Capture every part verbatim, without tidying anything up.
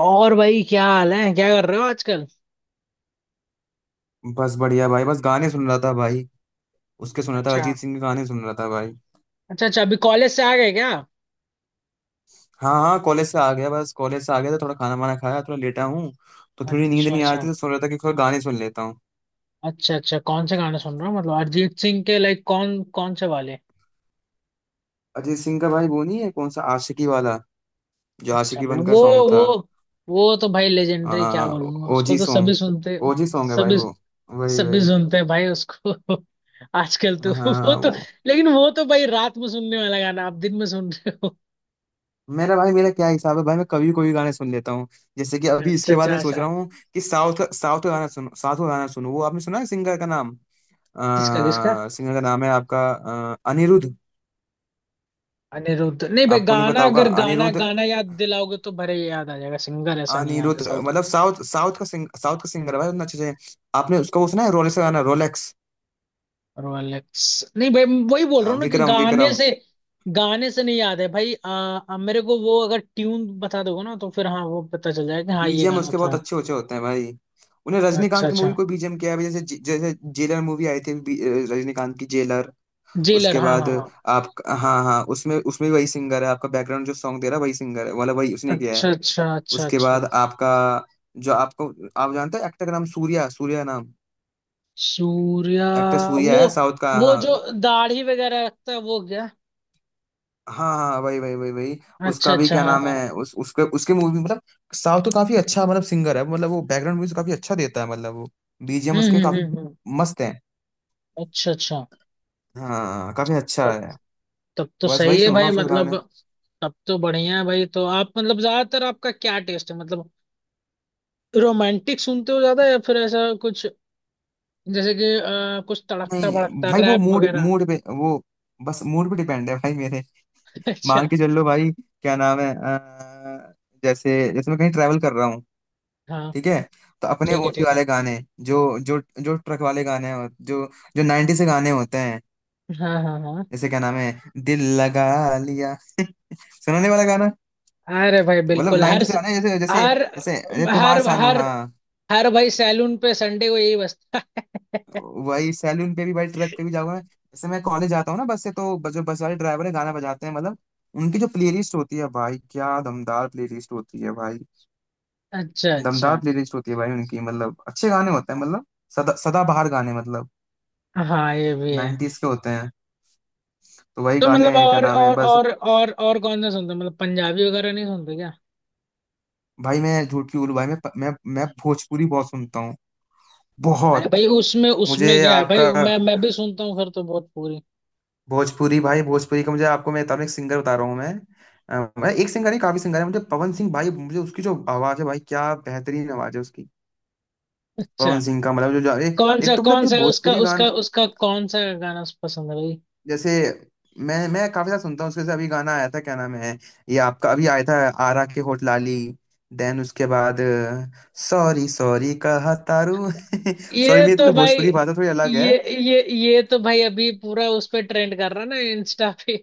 और भाई, क्या हाल है? क्या कर रहे हो आजकल? बस बढ़िया भाई। बस गाने सुन रहा था भाई, उसके सुन रहा था, अच्छा। अरिजीत सिंह के गाने सुन रहा था भाई। अच्छा अच्छा अभी कॉलेज से आ गए क्या? हाँ हाँ, कॉलेज से आ गया, बस कॉलेज से आ गया तो थोड़ा खाना वाना खाया, थोड़ा लेटा हूँ। तो थोड़ी नींद अच्छा नहीं आ रही अच्छा। थी तो सोच रहा था कि थोड़ा गाने सुन लेता हूँ। अच्छा अच्छा कौन से गाने सुन रहे हो मतलब अरिजीत सिंह के लाइक कौन कौन से वाले? अरिजीत सिंह का भाई, वो नहीं है, कौन सा आशिकी वाला, जो अच्छा आशिकी भाई बन का वो। सॉन्ग वो था। वो तो भाई लेजेंडरी क्या आ, बोलूंगा, उसको ओजी तो सभी सॉन्ग, सुनते। ओजी सॉन्ग है भाई सभी। वो, वही सभी वही। सुनते हैं भाई उसको आजकल तो। वो हाँ तो। वो लेकिन वो तो भाई रात में सुनने वाला गाना आप दिन में सुन रहे हो। मेरा भाई, मेरा क्या हिसाब है भाई, मैं कभी कोई भी गाने सुन लेता हूँ। जैसे कि अभी अच्छा इसके बाद अच्छा मैं सोच अच्छा। रहा हूँ कि साउथ का, साउथ का गाना सुनो, साउथ का गाना सुनो। वो आपने सुना है, सिंगर का नाम? किसका किसका? सिंगर का नाम है आपका अ, अनिरुद्ध। अनिरुद्ध नहीं भाई, आपको नहीं पता गाना होगा अगर गाना अनिरुद्ध। गाना याद दिलाओगे तो भरे ये याद आ जाएगा, सिंगर ऐसा नहीं याद है अनिरुद्ध साउथ का। मतलब साउथ, साउथ का सिंग साउथ का सिंगर है भाई, उतना अच्छे से। आपने उसका वो सुना है, रोलेक्स का गाना, रोलेक्स? रोलेक्स। नहीं भाई। वही बोल रहा अ, हूँ ना कि विक्रम गाने विक्रम। से। गाने से नहीं याद है भाई। आ, आ, मेरे को वो अगर ट्यून बता दोगे ना तो फिर हाँ वो पता चल जाएगा कि हाँ ये बीजीएम गाना उसके बहुत था। अच्छे अच्छे होते हैं भाई। उन्हें अच्छा रजनीकांत की अच्छा। मूवी को बीजीएम किया है, जैसे, जैसे जेलर मूवी आई थी, बी- अ, रजनीकांत की जेलर। जेलर, उसके हाँ बाद हाँ हाँ। आप हाँ हाँ, उसमें उसमें भी वही सिंगर है आपका, बैकग्राउंड जो सॉन्ग दे रहा है वही सिंगर है, मतलब वही उसने किया है। अच्छा अच्छा अच्छा उसके बाद अच्छा। आपका, जो आपको, आप जानते हैं एक्टर का नाम सूर्या, सूर्या नाम। सूर्या। एक्टर सूर्या वो। है साउथ का। वो हाँ जो दाढ़ी वगैरह रखता है वो, क्या? हाँ हाँ, वही वही वही वही। अच्छा उसका भी अच्छा क्या हाँ नाम हाँ। है, उस उसके उसके मूवी मतलब। साउथ तो काफी अच्छा मतलब सिंगर है, मतलब वो बैकग्राउंड म्यूजिक काफी अच्छा देता है, मतलब वो बीजीएम हम्म उसके हम्म काफी हम्म हम्म। मस्त है। अच्छा अच्छा। हाँ, काफी अच्छा तब। है, तब तो बस सही वही है सुनूंगा भाई, उसके मतलब गाने। तब तो बढ़िया है भाई। तो आप मतलब ज्यादातर आपका क्या टेस्ट है मतलब? रोमांटिक सुनते हो ज्यादा या फिर ऐसा कुछ? जैसे कि अ, कुछ तड़कता नहीं भड़कता भाई, वो रैप मूड वगैरह? मूड पे, वो बस मूड पे डिपेंड है भाई मेरे। मान अच्छा। के चल लो भाई, क्या नाम है, अ, जैसे जैसे मैं कहीं ट्रैवल कर रहा हूँ, हाँ ठीक है, तो अपने ठीक है ओजी ठीक है। वाले गाने, जो जो जो ट्रक वाले गाने हो, जो जो नब्बे से गाने होते हैं, हाँ हाँ हाँ। जैसे क्या नाम है, दिल लगा लिया सुनाने वाला गाना। अरे भाई मतलब बिल्कुल, हर नब्बे से गाने जैसे, जैसे हर जैसे अरे हर कुमार सानू, हर हाँ। हर भाई सैलून पे संडे को यही बजता है। वही सैलून पे भी भाई, ट्रक पे भी, जाऊंगा जैसे मैं कॉलेज जाता हूँ ना बस से, तो बस- जो बस वाले ड्राइवर है गाना बजाते हैं, मतलब उनकी जो प्लेलिस्ट होती है भाई, क्या दमदार प्लेलिस्ट होती है भाई। अच्छा दमदार अच्छा। प्लेलिस्ट होती है भाई उनकी, मतलब अच्छे गाने होते हैं, मतलब सदा सदाबहार गाने, मतलब हाँ ये भी है। नाइन्टीज के होते हैं। तो वही तो गाने मतलब क्या और नाम है, और बस। और और और कौन सा सुनते हो मतलब, पंजाबी वगैरह नहीं सुनते क्या? भाई मैं झूठ क्यों बोलूं भाई, मैं मैं मैं भोजपुरी बहुत सुनता हूँ, अरे बहुत। भाई, उसमें मुझे उसमें क्या है भाई, आपका मैं मैं भी सुनता हूँ फिर तो बहुत पूरी। भोजपुरी भाई, भोजपुरी का मुझे आपको, मैं तब एक सिंगर बता रहा हूँ मैं, अ, मैं एक सिंगर है, काफी सिंगर है मुझे, पवन सिंह भाई, मुझे उसकी जो आवाज है भाई, क्या बेहतरीन आवाज है उसकी। अच्छा। पवन सिंह का मतलब जो जो, अरे कौन सा एक तो मतलब कौन जो सा है उसका भोजपुरी उसका गाना, उसका कौन सा गाना पसंद है भाई? जैसे मैं मैं काफी सारा सुनता हूँ उसके, जैसे अभी गाना आया था, क्या नाम है ये आपका अभी आया था, आरा के होठ लाली। देन उसके बाद सॉरी सॉरी कहा तारू सॉरी, ये मेरी तो थोड़ी भाई, भोजपुरी भाषा थोड़ी अलग ये है। ये ये तो भाई अभी पूरा उस पे ट्रेंड कर रहा है ना इंस्टा पे।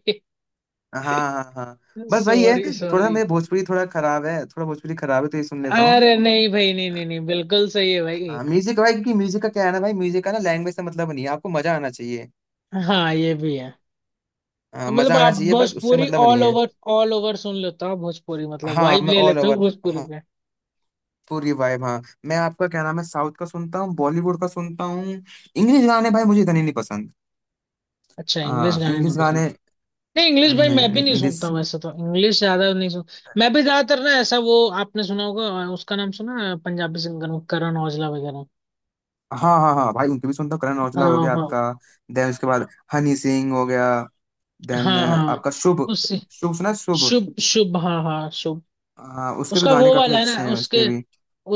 हाँ हाँ हाँ, बस वही है, सॉरी थोड़ा सॉरी। मेरे भोजपुरी थोड़ा खराब है, थोड़ा भोजपुरी खराब है तो ये सुन लेता हूँ। अरे नहीं भाई, नहीं नहीं नहीं बिल्कुल सही है भाई। हाँ, म्यूजिक भाई की, म्यूजिक का क्या है ना भाई, म्यूजिक का ना लैंग्वेज से मतलब नहीं है, आपको मजा आना चाहिए। हाँ ये भी है। हाँ, मजा मतलब आना आप चाहिए, बस उससे भोजपुरी मतलब नहीं ऑल है। ओवर। ऑल ओवर सुन लेते हो आप भोजपुरी मतलब, हाँ वाइब मैं ले ऑल लेते हो ओवर भोजपुरी पे? पूरी वाइब, हाँ मैं आपका क्या नाम है, साउथ का सुनता हूँ, बॉलीवुड का सुनता हूँ, इंग्लिश गाने भाई मुझे इतने नहीं पसंद। अच्छा, इंग्लिश हाँ, गाने इंग्लिश नहीं पसंद? गाने, नहीं इंग्लिश भाई नहीं मैं भी नहीं नहीं इंग्लिश। सुनता हूँ ऐसा, तो इंग्लिश ज्यादा नहीं सुन। मैं भी ज्यादातर ना ऐसा, वो आपने सुना होगा अ, उसका नाम सुना है पंजाबी सिंगर, वो करण औजला वगैरह? हाँ हाँ हाँ भाई, उनके भी सुनता हूँ, करण औजला हो हाँ गया हाँ। आपका, देन उसके बाद हनी सिंह हो गया, देन हाँ हाँ। आपका शुभ। उससे। शुभ सुना है? शुभ। शुभ शुभ हाँ हाँ शुभ। हाँ उसके भी उसका गाने वो काफी वाला है अच्छे ना हैं उसके उसके भी।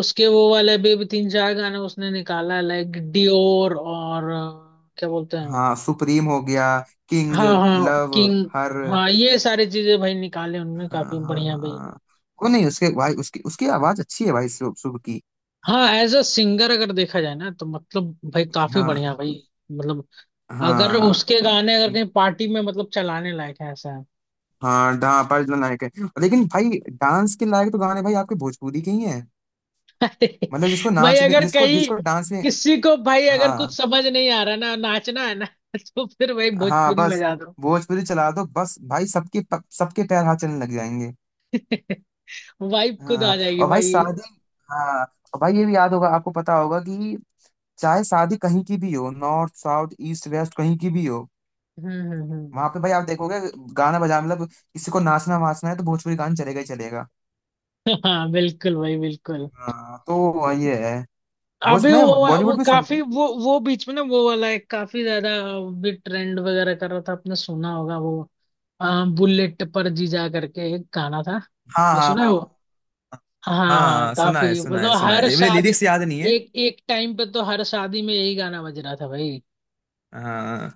उसके वो वाले भी, भी तीन चार गाने उसने निकाला है, लाइक डियोर और अ, क्या बोलते हैं? हाँ सुप्रीम हो गया, किंग, हाँ हाँ लव, किंग। हर। हाँ ये सारी चीजें भाई निकाले उनने, हाँ काफी हाँ बढ़िया भाई। हाँ। वो नहीं उसके भाई, उसकी उसकी आवाज अच्छी है भाई, शुभ, शुभ की। हाँ, एज अ सिंगर अगर देखा जाए ना तो मतलब भाई काफी हाँ। बढ़िया भाई। मतलब अगर हाँ उसके गाने अगर कहीं पार्टी में मतलब चलाने लायक है, ऐसा है। हाँ, डा अर्जुन लायक है। लेकिन भाई डांस के लायक तो गाने भाई आपके भोजपुरी के ही हैं, अरे मतलब जिसको भाई नाच में, अगर जिसको कहीं जिसको डांस में। किसी को भाई अगर कुछ हाँ समझ नहीं आ रहा ना, नाचना है ना? तो फिर भाई हाँ, भोजपुरी बस बजा दो। भोजपुरी चला दो, बस भाई सबके प- सबके पैर हाथ चलने लग जाएंगे। वाइब खुद हाँ आ जाएगी और भाई भाई। शादी, हाँ और भाई ये भी याद होगा आपको, पता होगा कि चाहे शादी कहीं की भी हो, नॉर्थ साउथ ईस्ट वेस्ट कहीं की भी हो, हम्म हम्म हम्म। वहां पे भाई आप देखोगे गाना बजा, मतलब किसी को नाचना वाचना है तो भोजपुरी गाना चलेगा ही चलेगा। हाँ बिल्कुल भाई, बिल्कुल। हाँ तो ये है, भोज अभी मैं वो वो बॉलीवुड भी सुनता काफी, हूँ। वो वो बीच में ना वो वाला एक काफी ज्यादा भी ट्रेंड वगैरह कर रहा था, आपने सुना होगा वो? हाँ, बुलेट पर जीजा करके एक गाना था। हाँ मैं हाँ सुना हाँ है वो। हाँ। हाँ हाँ, हाँ सुना है काफी सुना है मतलब सुना हर है, मेरे शादी। लिरिक्स याद नहीं है। एक एक टाइम पे तो हर शादी में यही गाना बज रहा था भाई। हाँ,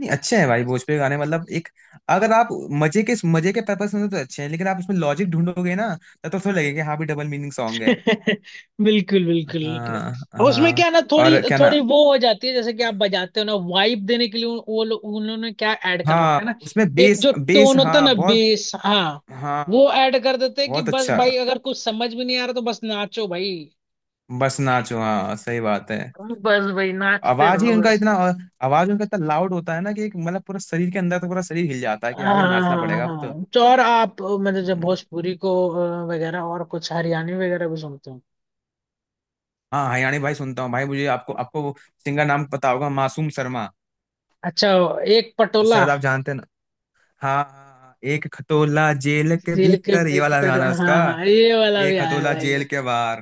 नहीं अच्छे हैं भाई भोजपुरी गाने मतलब, एक अगर आप मजे के, मजे के पर्पस से तो अच्छे हैं, लेकिन आप उसमें लॉजिक ढूंढोगे ना, तब तो थोड़ा लगेगा कि हाँ भी डबल मीनिंग सॉन्ग है। बिल्कुल बिल्कुल। हाँ। अब उसमें हाँ क्या ना थोड़ी और क्या ना, थोड़ी वो हो जाती है, जैसे कि आप बजाते हो ना वाइब देने के लिए, उन- वो लोग उन्होंने क्या ऐड कर रखा है ना, हाँ उसमें एक बेस जो बेस टोन होता है हाँ ना, बहुत। बेस हाँ। वो हाँ। ऐड कर देते हैं कि बहुत बस अच्छा, भाई अगर कुछ समझ भी नहीं आ रहा तो बस नाचो भाई। बस नाचो, हाँ सही बात है। बस भाई नाचते आवाज ही रहो। उनका इतना, आवाज उनका इतना लाउड होता है ना कि एक मतलब पूरा शरीर के अंदर, तो पूरा शरीर हिल जाता है कि हाँ भी नाचना हाँ पड़ेगा अब। हाँ, तो और आप मतलब जब तो भोजपुरी को अ, वगैरह और कुछ हरियाणवी वगैरह भी सुनते हो? हाँ हरियाणी भाई सुनता हूँ भाई, मुझे आपको आपको वो सिंगर नाम पता होगा, मासूम शर्मा। अच्छा, एक पटोला। शायद आप जानते हैं ना। हाँ हाँ, हाँ, एक खटोला जेल के दिल के भीतर, ये वाला भीतर, गाना उसका, हाँ हाँ ये वाला भी एक आया है खटोला जेल भाई। के बाहर।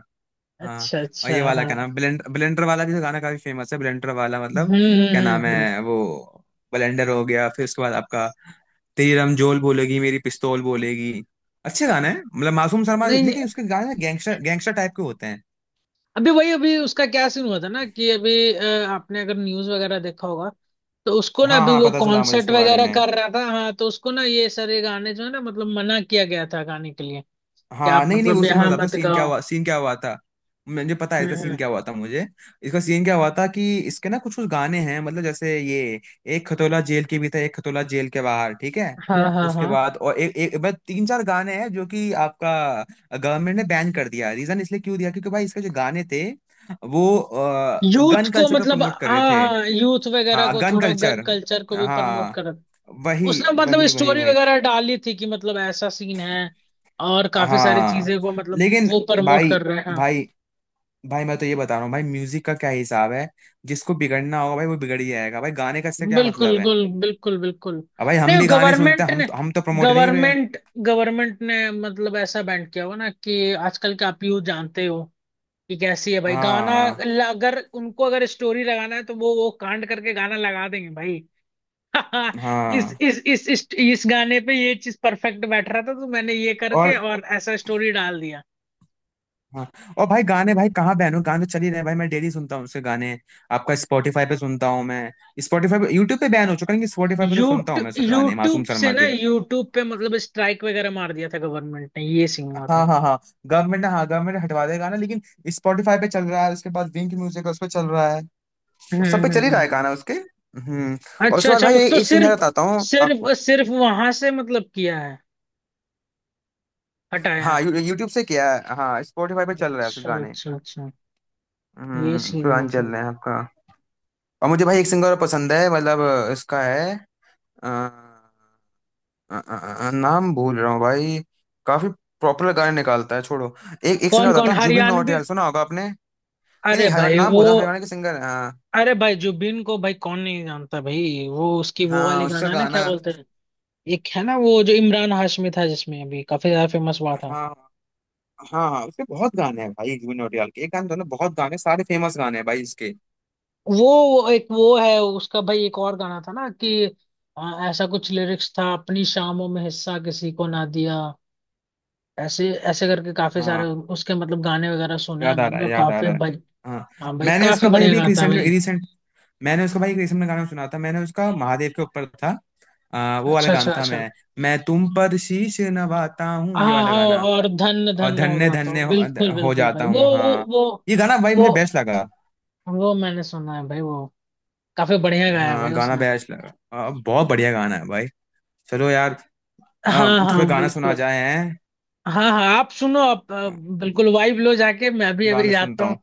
हाँ। अच्छा और अच्छा ये वाला हाँ। क्या नाम, ब्लेंडर, ब्लेंडर वाला भी तो गाना काफी फेमस है, ब्लेंडर वाला हम्म मतलब। क्या हम्म नाम हम्म, हम्म। है वो, ब्लेंडर हो गया, फिर उसके बाद आपका, तेरी रमजोल बोलेगी मेरी पिस्तौल बोलेगी। अच्छे गाने हैं मतलब मासूम शर्मा, नहीं नहीं, लेकिन उसके गाने गैंगस्टर गैंगस्टर टाइप के होते हैं। अभी वही अभी उसका क्या सीन हुआ था ना कि अभी अ, आपने अगर न्यूज वगैरह देखा होगा तो उसको ना हाँ अभी हाँ, वो पता चला मुझे कॉन्सर्ट इसके बारे वगैरह में। कर रहा था हाँ, तो उसको ना ये सारे गाने जो है ना मतलब मना किया गया था गाने के लिए कि हाँ आप नहीं नहीं, वो मतलब सीन मैं यहाँ बताता हूँ, मत सीन क्या गाओ। हुआ, सीन क्या हुआ था। मुझे पता है हम्म इसका सीन हम्म। क्या हुआ था मुझे, इसका सीन क्या हुआ था कि इसके ना कुछ कुछ गाने हैं, मतलब जैसे ये एक खतोला जेल के भी था, एक खतोला जेल के बाहर ठीक है, हाँ हाँ उसके हाँ बाद और एक एक बस तीन चार गाने हैं जो कि आपका गवर्नमेंट ने बैन कर दिया। रीजन इसलिए क्यों दिया, क्योंकि भाई इसके जो गाने थे वो यूथ गन को कल्चर को मतलब, प्रमोट कर रहे हाँ थे। हाँ यूथ वगैरह हाँ, को गन थोड़ा गन कल्चर, कल्चर को भी प्रमोट हाँ, कर। वही उसने मतलब वही वही स्टोरी वही। वगैरह डाली थी कि मतलब ऐसा सीन है, और काफी सारी हाँ चीजें को मतलब लेकिन वो प्रमोट भाई, कर रहे हैं हाँ। भाई भाई मैं तो ये बता रहा हूँ भाई, म्यूजिक का क्या हिसाब है, जिसको बिगड़ना होगा भाई वो बिगड़ ही जाएगा भाई, गाने का इससे क्या बिल्कुल मतलब है। बिल्कुल बिल्कुल बिल्कुल। अब भाई हम नहीं भी गाने सुनते गवर्नमेंट हैं, हम ने। तो हम तो प्रमोट नहीं हुए। गवर्नमेंट गवर्नमेंट ने मतलब ऐसा बैंड किया हुआ ना कि आजकल के आप यूथ जानते हो कि कैसी है भाई गाना। हाँ ल- अगर उनको अगर स्टोरी लगाना है तो वो वो कांड करके गाना लगा देंगे भाई। हाँ, इस हाँ। इस इस इस इस गाने पे ये चीज परफेक्ट बैठ रहा था तो मैंने ये और करके और ऐसा स्टोरी डाल दिया। हाँ और भाई गाने, भाई कहाँ बहनों, गाने तो चल ही रहे हैं भाई, मैं डेली सुनता हूँ उसके गाने, आपका स्पॉटिफाई पे सुनता हूँ मैं। स्पॉटिफाई पे, यूट्यूब पे बैन हो चुका है, लेकिन स्पॉटिफाई पे तो सुनता हूँ यूट्यूब मैं उसके गाने मासूम यूट्यूब से शर्मा ना के। यूट्यूब पे मतलब स्ट्राइक वगैरह मार दिया था गवर्नमेंट ने, ये सीन हुआ था। हाँ हाँ हाँ, गवर्नमेंट ने हाँ, गवर्नमेंट हटवा देगा ना, लेकिन स्पॉटिफाई पे चल रहा है, उसके बाद विंक म्यूजिक उस पे चल रहा है, वो सब पे हम्म चल ही हम्म, रहा है हम्म। गाना उसके। हम्म। और अच्छा उसके बाद अच्छा, भाई मत- तो एक सिंगर सिर्फ। बताता हूँ सिर्फ आपको। सिर्फ वहां से मतलब किया है, हटाया हाँ है? यू, यूट्यूब से किया है, हाँ स्पॉटिफाई पे चल रहा है उसके अच्छा गाने। अच्छा अच्छा, ये हम्म, सीन है पुराने चल मतलब। रहे हैं आपका। और मुझे भाई एक सिंगर पसंद है मतलब, इसका है, अ, अ, अ, अ, नाम भूल रहा हूँ भाई। काफी प्रॉपर गाने निकालता है, छोड़ो, एक एक सिंगर कौन बताता कौन हूँ, जुबिन हरियाणवी? नौटियाल सुना होगा आपने? नहीं अरे नहीं हरियाणा, भाई नाम वो। बोला हरियाणा के सिंगर हाँ। अरे भाई जुबिन को भाई कौन नहीं जानता भाई, वो उसकी वो हाँ वाले उसका गाना ना क्या गाना, बोलते हैं? एक है ना वो, जो इमरान हाशमी था जिसमें अभी काफी ज्यादा फेमस हुआ था। हाँ हाँ हाँ, उसके बहुत गाने हैं भाई जुबिन नौटियाल के, एक गाने तो ना, बहुत गाने, सारे फेमस गाने हैं भाई इसके। वो वो एक वो है उसका भाई, एक और गाना था ना कि आ, ऐसा कुछ लिरिक्स था, अपनी शामों में हिस्सा किसी को ना दिया। ऐसे ऐसे करके काफी सारे हाँ, उसके मतलब गाने वगैरह सुने हैं याद आ मैंने रहा तो है, याद आ काफी रहा है। भाई। हाँ। हाँ भाई मैंने उसका काफी भाई बढ़िया अभी एक गाता है भाई। रिसेंटली रिसेंट, मैंने उसका भाई एक रिसेंट में गाना सुना था, मैंने उसका महादेव के ऊपर था, आ, वो वाला अच्छा गाना अच्छा था, अच्छा। मैं मैं तुम पर शीश नवाता हूँ, ये हाँ वाला हाँ। गाना। और धन और धन हो धन्य जाता धन्य हूँ, बिल्कुल हो, हो बिल्कुल भाई जाता वो। हूँ, वो। हाँ। वो। ये गाना भाई वो मुझे बेस्ट लगा। वो मैंने सुना है भाई, वो काफी बढ़िया गाया है भाई हाँ गाना उसने। बेस्ट लगा, आ, बहुत बढ़िया गाना है भाई। चलो यार, आ, हाँ हाँ थोड़ा गाना सुना बिल्कुल। जाए हैं। हाँ हाँ आप सुनो, आप अ, आ, बिल्कुल वाइब लो जाके, मैं भी अभी गाने जाता सुनता हूँ। हूँ।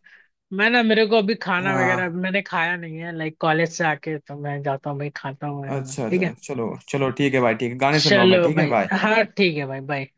मैं ना मेरे को अभी खाना वगैरह हाँ मैंने खाया नहीं है लाइक कॉलेज से आके, तो मैं जाता हूँ भाई खाता हूँ वगैरह अच्छा ठीक अच्छा, है। चलो चलो, ठीक है भाई, ठीक है गाने सुन रहा हूँ मैं, चलो ठीक है, भाई। बाय। हाँ ठीक है भाई, बाय।